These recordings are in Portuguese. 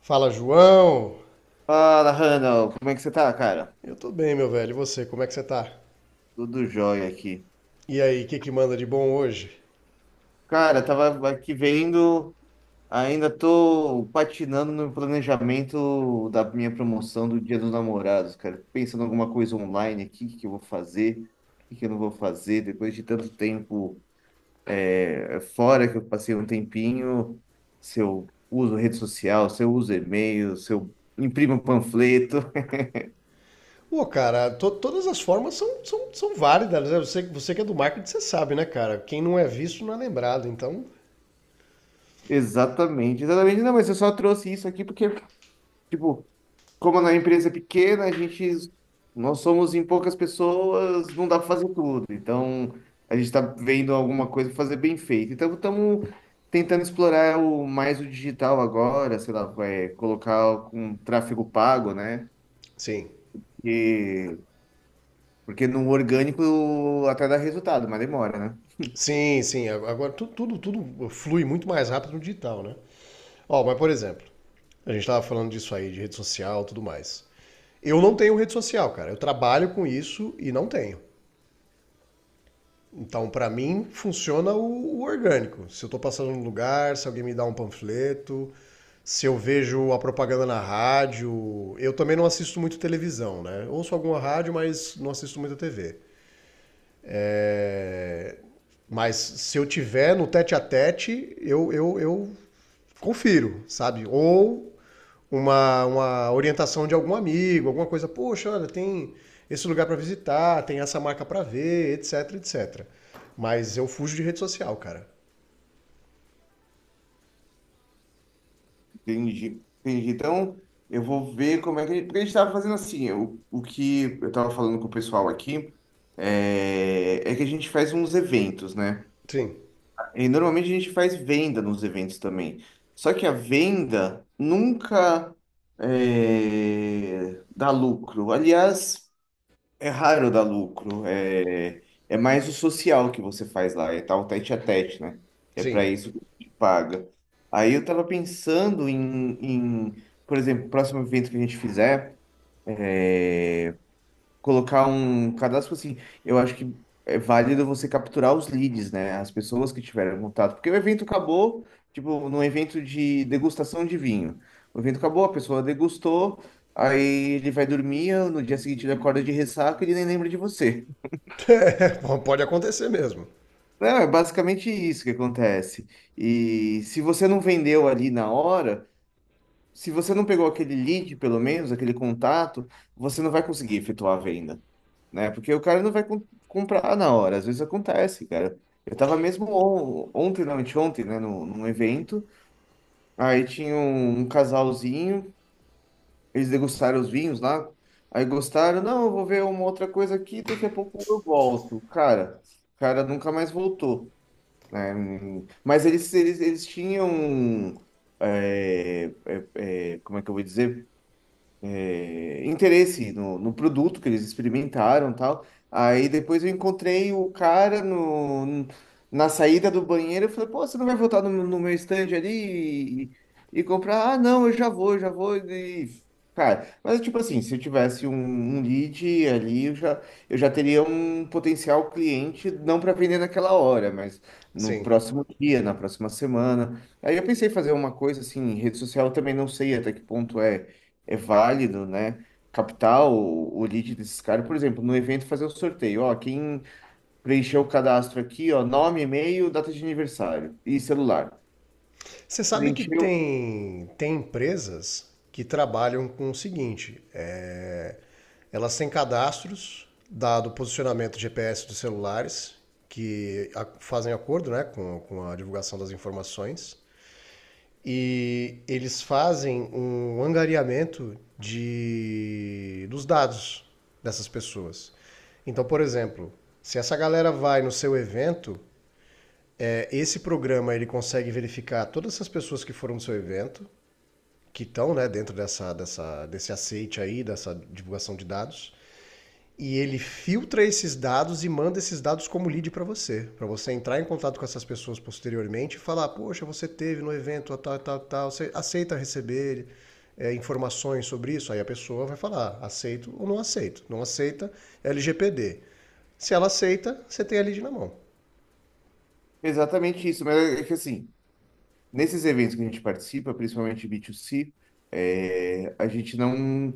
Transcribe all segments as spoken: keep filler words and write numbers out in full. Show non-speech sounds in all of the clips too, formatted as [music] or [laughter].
Fala, João! Fala, Randall, como é que você tá, cara? Eu tô bem, meu velho. E você, como é que você tá? Tudo jóia aqui. E aí, o que que manda de bom hoje? Cara, tava aqui vendo, ainda tô patinando no planejamento da minha promoção do Dia dos Namorados, cara. Pensando em alguma coisa online aqui, o que que eu vou fazer, o que que eu não vou fazer, depois de tanto tempo é, fora que eu passei um tempinho, se eu uso rede social, se eu uso e-mail, se eu imprimo um panfleto. [laughs] Pô, cara, to- todas as formas são, são, são válidas, né? Você, você que é do marketing, você sabe, né, cara? Quem não é visto não é lembrado, então... Exatamente, exatamente. Não, mas eu só trouxe isso aqui porque, tipo. Como na empresa é pequena, a gente, nós somos em poucas pessoas, não dá para fazer tudo. Então, a gente está vendo alguma coisa pra fazer bem feito. Então, estamos tentando explorar o, mais o digital agora, sei lá, vai colocar um tráfego pago, né? Sim, E, porque no orgânico até dá resultado, mas demora, né? sim, sim. A- Agora tu- tudo, tudo flui muito mais rápido no digital, né? Ó, mas por exemplo, a gente tava falando disso aí, de rede social e tudo mais. Eu não tenho rede social, cara. Eu trabalho com isso e não tenho. Então, para mim, funciona o, o orgânico. Se eu estou passando num lugar, se alguém me dá um panfleto, se eu vejo a propaganda na rádio. Eu também não assisto muito televisão, né? Ouço alguma rádio, mas não assisto muito a T V. É, Mas se eu tiver no tete a tete, eu, eu, eu confiro, sabe? Ou uma, uma orientação de algum amigo, alguma coisa. Poxa, olha, tem esse lugar para visitar, tem essa marca para ver, etc, etcétera. Mas eu fujo de rede social, cara. Entendi, entendi. Então, eu vou ver como é que. Porque a gente estava fazendo assim, o, o que eu estava falando com o pessoal aqui é, é que a gente faz uns eventos, né? Sim, E normalmente a gente faz venda nos eventos também. Só que a venda nunca é, dá lucro. Aliás, é raro dar lucro. É é mais o social que você faz lá, é tal tete a tete, né? É para sim. isso que te paga. Aí eu tava pensando em, em, por exemplo, próximo evento que a gente fizer, é, colocar um cadastro assim. Eu acho que é válido você capturar os leads, né? As pessoas que tiveram contato. Porque o evento acabou, tipo, num evento de degustação de vinho. O evento acabou, a pessoa degustou, aí ele vai dormir, no dia seguinte ele acorda de ressaca e ele nem lembra de você. [laughs] Pode acontecer mesmo. Não, é basicamente isso que acontece. E se você não vendeu ali na hora, se você não pegou aquele lead, pelo menos, aquele contato, você não vai conseguir efetuar a venda, né? Porque o cara não vai com- comprar na hora. Às vezes acontece, cara. Eu tava mesmo on- ontem, não, anteontem, né, num, num evento. Aí tinha um, um casalzinho, eles degustaram os vinhos lá. Aí gostaram, não, eu vou ver uma outra coisa aqui, daqui a pouco eu volto. Cara, o cara nunca mais voltou né? Hum. Mas eles, eles, eles tinham. é, é, é, Como é que eu vou dizer? É, interesse no, no produto que eles experimentaram e tal. Aí depois eu encontrei o cara no, na saída do banheiro e falei, pô, você não vai voltar no, no meu stand ali e, e comprar? Ah, não, eu já vou, eu já vou. E, cara, mas tipo assim, se eu tivesse um, um lead ali, eu já, eu já teria um potencial cliente, não para vender naquela hora, mas no Sim. próximo dia, na próxima semana. Aí eu pensei em fazer uma coisa assim, em rede social, eu também não sei até que ponto é é válido, né? Captar o, o lead desses caras, por exemplo, no evento fazer o sorteio, ó, quem preencheu o cadastro aqui, ó, nome, e-mail, data de aniversário e celular. Você sabe que Preencheu tem, tem empresas que trabalham com o seguinte: é, elas têm cadastros, dado o posicionamento G P S dos celulares, que a- fazem acordo, né, com, com a divulgação das informações. E eles fazem um angariamento de dos dados dessas pessoas. Então, por exemplo, se essa galera vai no seu evento, é, esse programa ele consegue verificar todas essas pessoas que foram no seu evento, que estão, né, dentro dessa, dessa, desse aceite aí, dessa divulgação de dados, e ele filtra esses dados e manda esses dados como lead para você, para você entrar em contato com essas pessoas posteriormente e falar, poxa, você teve no evento tal, tal, tal, você aceita receber é, informações sobre isso? Aí a pessoa vai falar, aceito ou não aceito. Não aceita, L G P D. Se ela aceita, você tem a lead na mão. exatamente isso, mas é que assim, nesses eventos que a gente participa, principalmente B dois C, é, a gente não.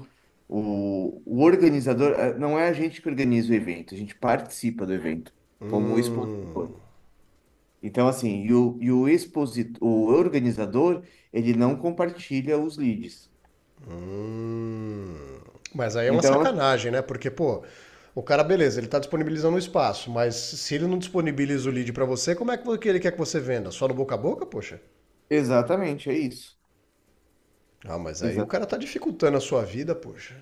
O, o organizador, eh, não é a gente que organiza o evento, a gente participa do evento como Hum. expositor. Então, assim, e o, e o expositor, o organizador, ele não compartilha os leads. Mas aí é uma Então, assim, sacanagem, né? Porque, pô, o cara, beleza, ele tá disponibilizando o espaço, mas se ele não disponibiliza o lead pra você, como é que ele quer que você venda? Só no boca a boca, poxa? exatamente, é isso. Ah, mas aí o cara tá dificultando a sua vida, poxa.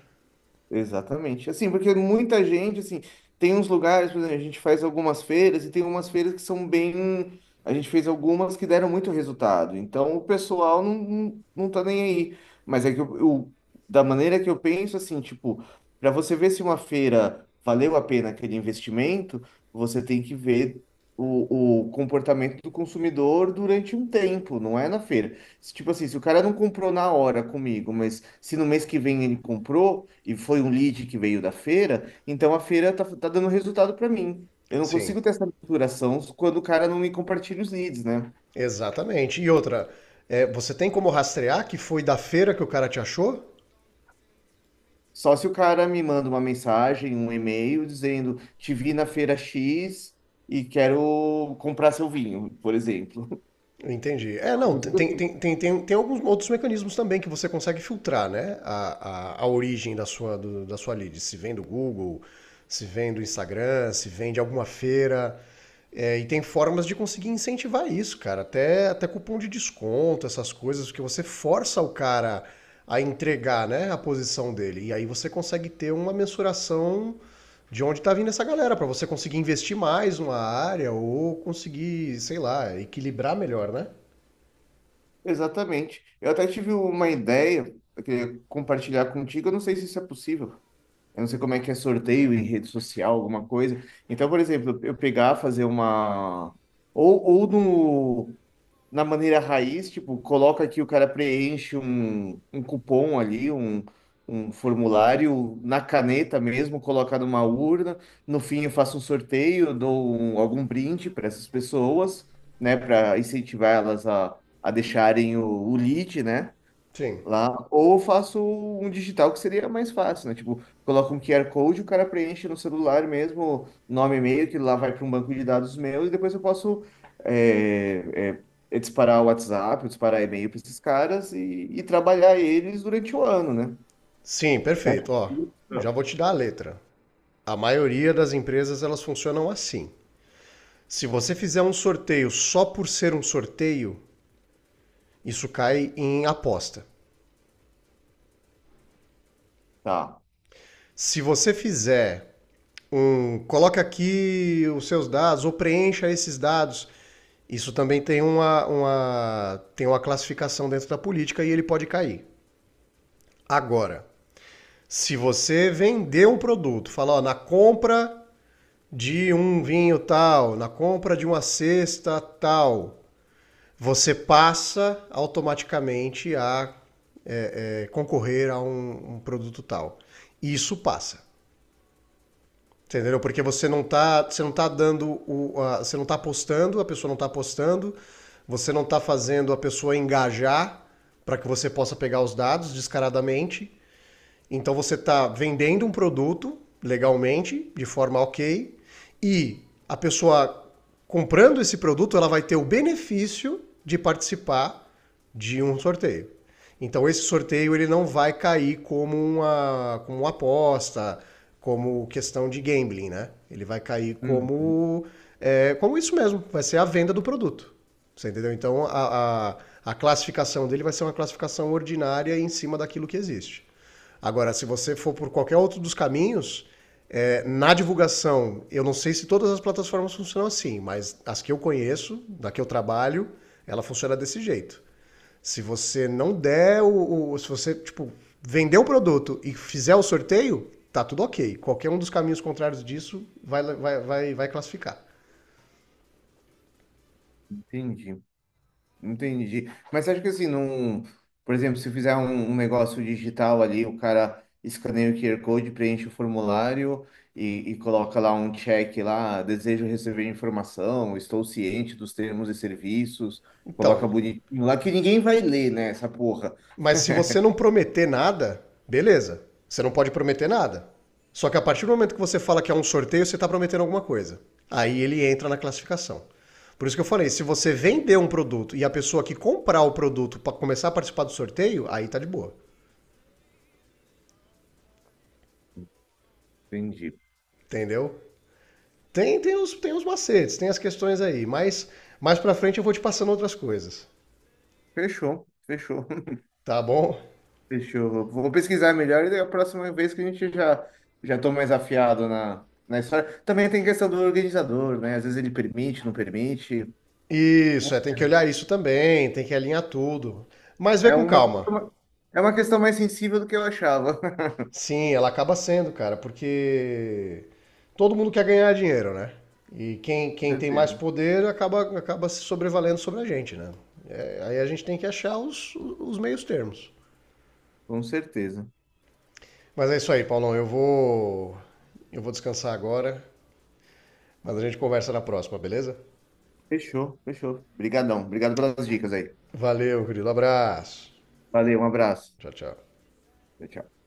Exatamente. Assim, porque muita gente, assim, tem uns lugares, por exemplo, a gente faz algumas feiras e tem umas feiras que são bem. A gente fez algumas que deram muito resultado. Então o pessoal não, não, não tá nem aí. Mas é que eu, eu- da maneira que eu penso, assim, tipo, para você ver se uma feira valeu a pena aquele investimento, você tem que ver o, o comportamento do consumidor durante um tempo, não é na feira. Se, tipo assim, se o cara não comprou na hora comigo, mas se no mês que vem ele comprou e foi um lead que veio da feira, então a feira tá, tá dando resultado para mim. Eu não Sim, consigo ter essa maturação quando o cara não me compartilha os leads, né? exatamente. E outra, é, você tem como rastrear que foi da feira que o cara te achou? Só se o cara me manda uma mensagem, um e-mail dizendo: Te vi na feira X e quero comprar seu vinho, por exemplo. [laughs] Entendi. É, Eu não, tem, consigo, assim, tem, tem, tem, tem alguns outros mecanismos também que você consegue filtrar, né? A, a, a origem da sua, do- da sua lead. Se vem do Google, se vem do Instagram, se vem de alguma feira. É, e tem formas de conseguir incentivar isso, cara. Até, até cupom de desconto, essas coisas, que você força o cara a entregar, né, a posição dele. E aí você consegue ter uma mensuração de onde está vindo essa galera, para você conseguir investir mais numa área ou conseguir, sei lá, equilibrar melhor, né? exatamente. Eu até tive uma ideia, eu queria compartilhar contigo, eu não sei se isso é possível. Eu não sei como é que é sorteio em rede social, alguma coisa. Então, por exemplo, eu pegar, fazer uma. Ou, ou no, na maneira raiz, tipo, coloca que o cara preenche um, um cupom ali, um, um formulário na caneta mesmo, coloca numa urna. No fim, eu faço um sorteio, dou um- algum brinde para essas pessoas, né, para incentivar elas a, a deixarem o, o lead, né? Sim. Lá, ou faço um digital que seria mais fácil, né? Tipo, coloca um Q R Code, o cara preenche no celular mesmo, nome e e-mail, que lá vai para um banco de dados meu, e depois eu posso é, é, é disparar o WhatsApp, disparar e-mail para esses caras e, e trabalhar eles durante o ano, né? Sim, Certo? perfeito. Ó, já vou te dar a letra. A maioria das empresas elas funcionam assim. Se você fizer um sorteio só por ser um sorteio, isso cai em aposta. Tá. Se você fizer um, coloca aqui os seus dados ou preencha esses dados, isso também tem uma, uma, tem uma classificação dentro da política e ele pode cair. Agora, se você vender um produto, falar, ó, na compra de um vinho tal, na compra de uma cesta tal, você passa automaticamente a eh, concorrer a um, um produto tal. Isso passa. Entendeu? Porque você não tá, você não tá dando o, a- você não tá apostando, a pessoa não está apostando, você não está fazendo a pessoa engajar para que você possa pegar os dados descaradamente. Então você está vendendo um produto legalmente, de forma ok, e a pessoa comprando esse produto, ela vai ter o benefício de participar de um sorteio. Então esse sorteio ele não vai cair como uma, como uma aposta, como questão de gambling, né? Ele vai cair Hum, como é, como isso mesmo, vai ser a venda do produto. Você entendeu? Então a, a, a classificação dele vai ser uma classificação ordinária em cima daquilo que existe. Agora, se você for por qualquer outro dos caminhos, é, na divulgação, eu não sei se todas as plataformas funcionam assim, mas as que eu conheço, da que eu trabalho, ela funciona desse jeito. Se você não der o. o- se você, tipo, vender o produto e fizer o sorteio, tá tudo ok. Qualquer um dos caminhos contrários disso vai, vai, vai, vai classificar. entendi. Entendi. Mas acho que assim, num, por exemplo, se fizer um, um negócio digital ali, o cara escaneia o Q R Code, preenche o formulário e, e coloca lá um check lá, desejo receber informação, estou ciente dos termos e serviços, coloca Então, bonitinho lá, que ninguém vai ler, né, essa porra. mas se você não prometer nada, beleza. Você não pode prometer nada. Só que a partir do momento que você fala que é um sorteio, você está prometendo alguma coisa. Aí ele entra na classificação. Por isso que eu falei, se você vender um produto e a pessoa que comprar o produto para começar a participar do sorteio, aí tá de boa. Entendi. Entendeu? Tem, tem, os, tem os macetes, tem as questões aí, mas mais pra frente eu vou te passando outras coisas. Fechou, fechou, Tá bom? [laughs] fechou. Vou pesquisar melhor e daí a próxima vez que a gente já, já tô mais afiado na, na história. Também tem questão do organizador, né? Às vezes ele permite, não permite. Isso, é, tem que olhar isso também, tem que alinhar tudo. Mas vê É com uma calma. questão, é uma questão mais sensível do que eu achava. [laughs] Sim, ela acaba sendo, cara, porque todo mundo quer ganhar dinheiro, né? E quem, Com quem tem mais certeza. poder acaba, acaba se sobrevalendo sobre a gente, né? É, aí a gente tem que achar os, os meios termos. Com certeza. Mas é isso aí, Paulão. Eu vou, eu vou descansar agora, mas a gente conversa na próxima, beleza? Fechou, fechou. Obrigadão. Obrigado pelas dicas aí. Valeu, querido. Abraço. Valeu, um abraço. Tchau, tchau. Tchau, tchau.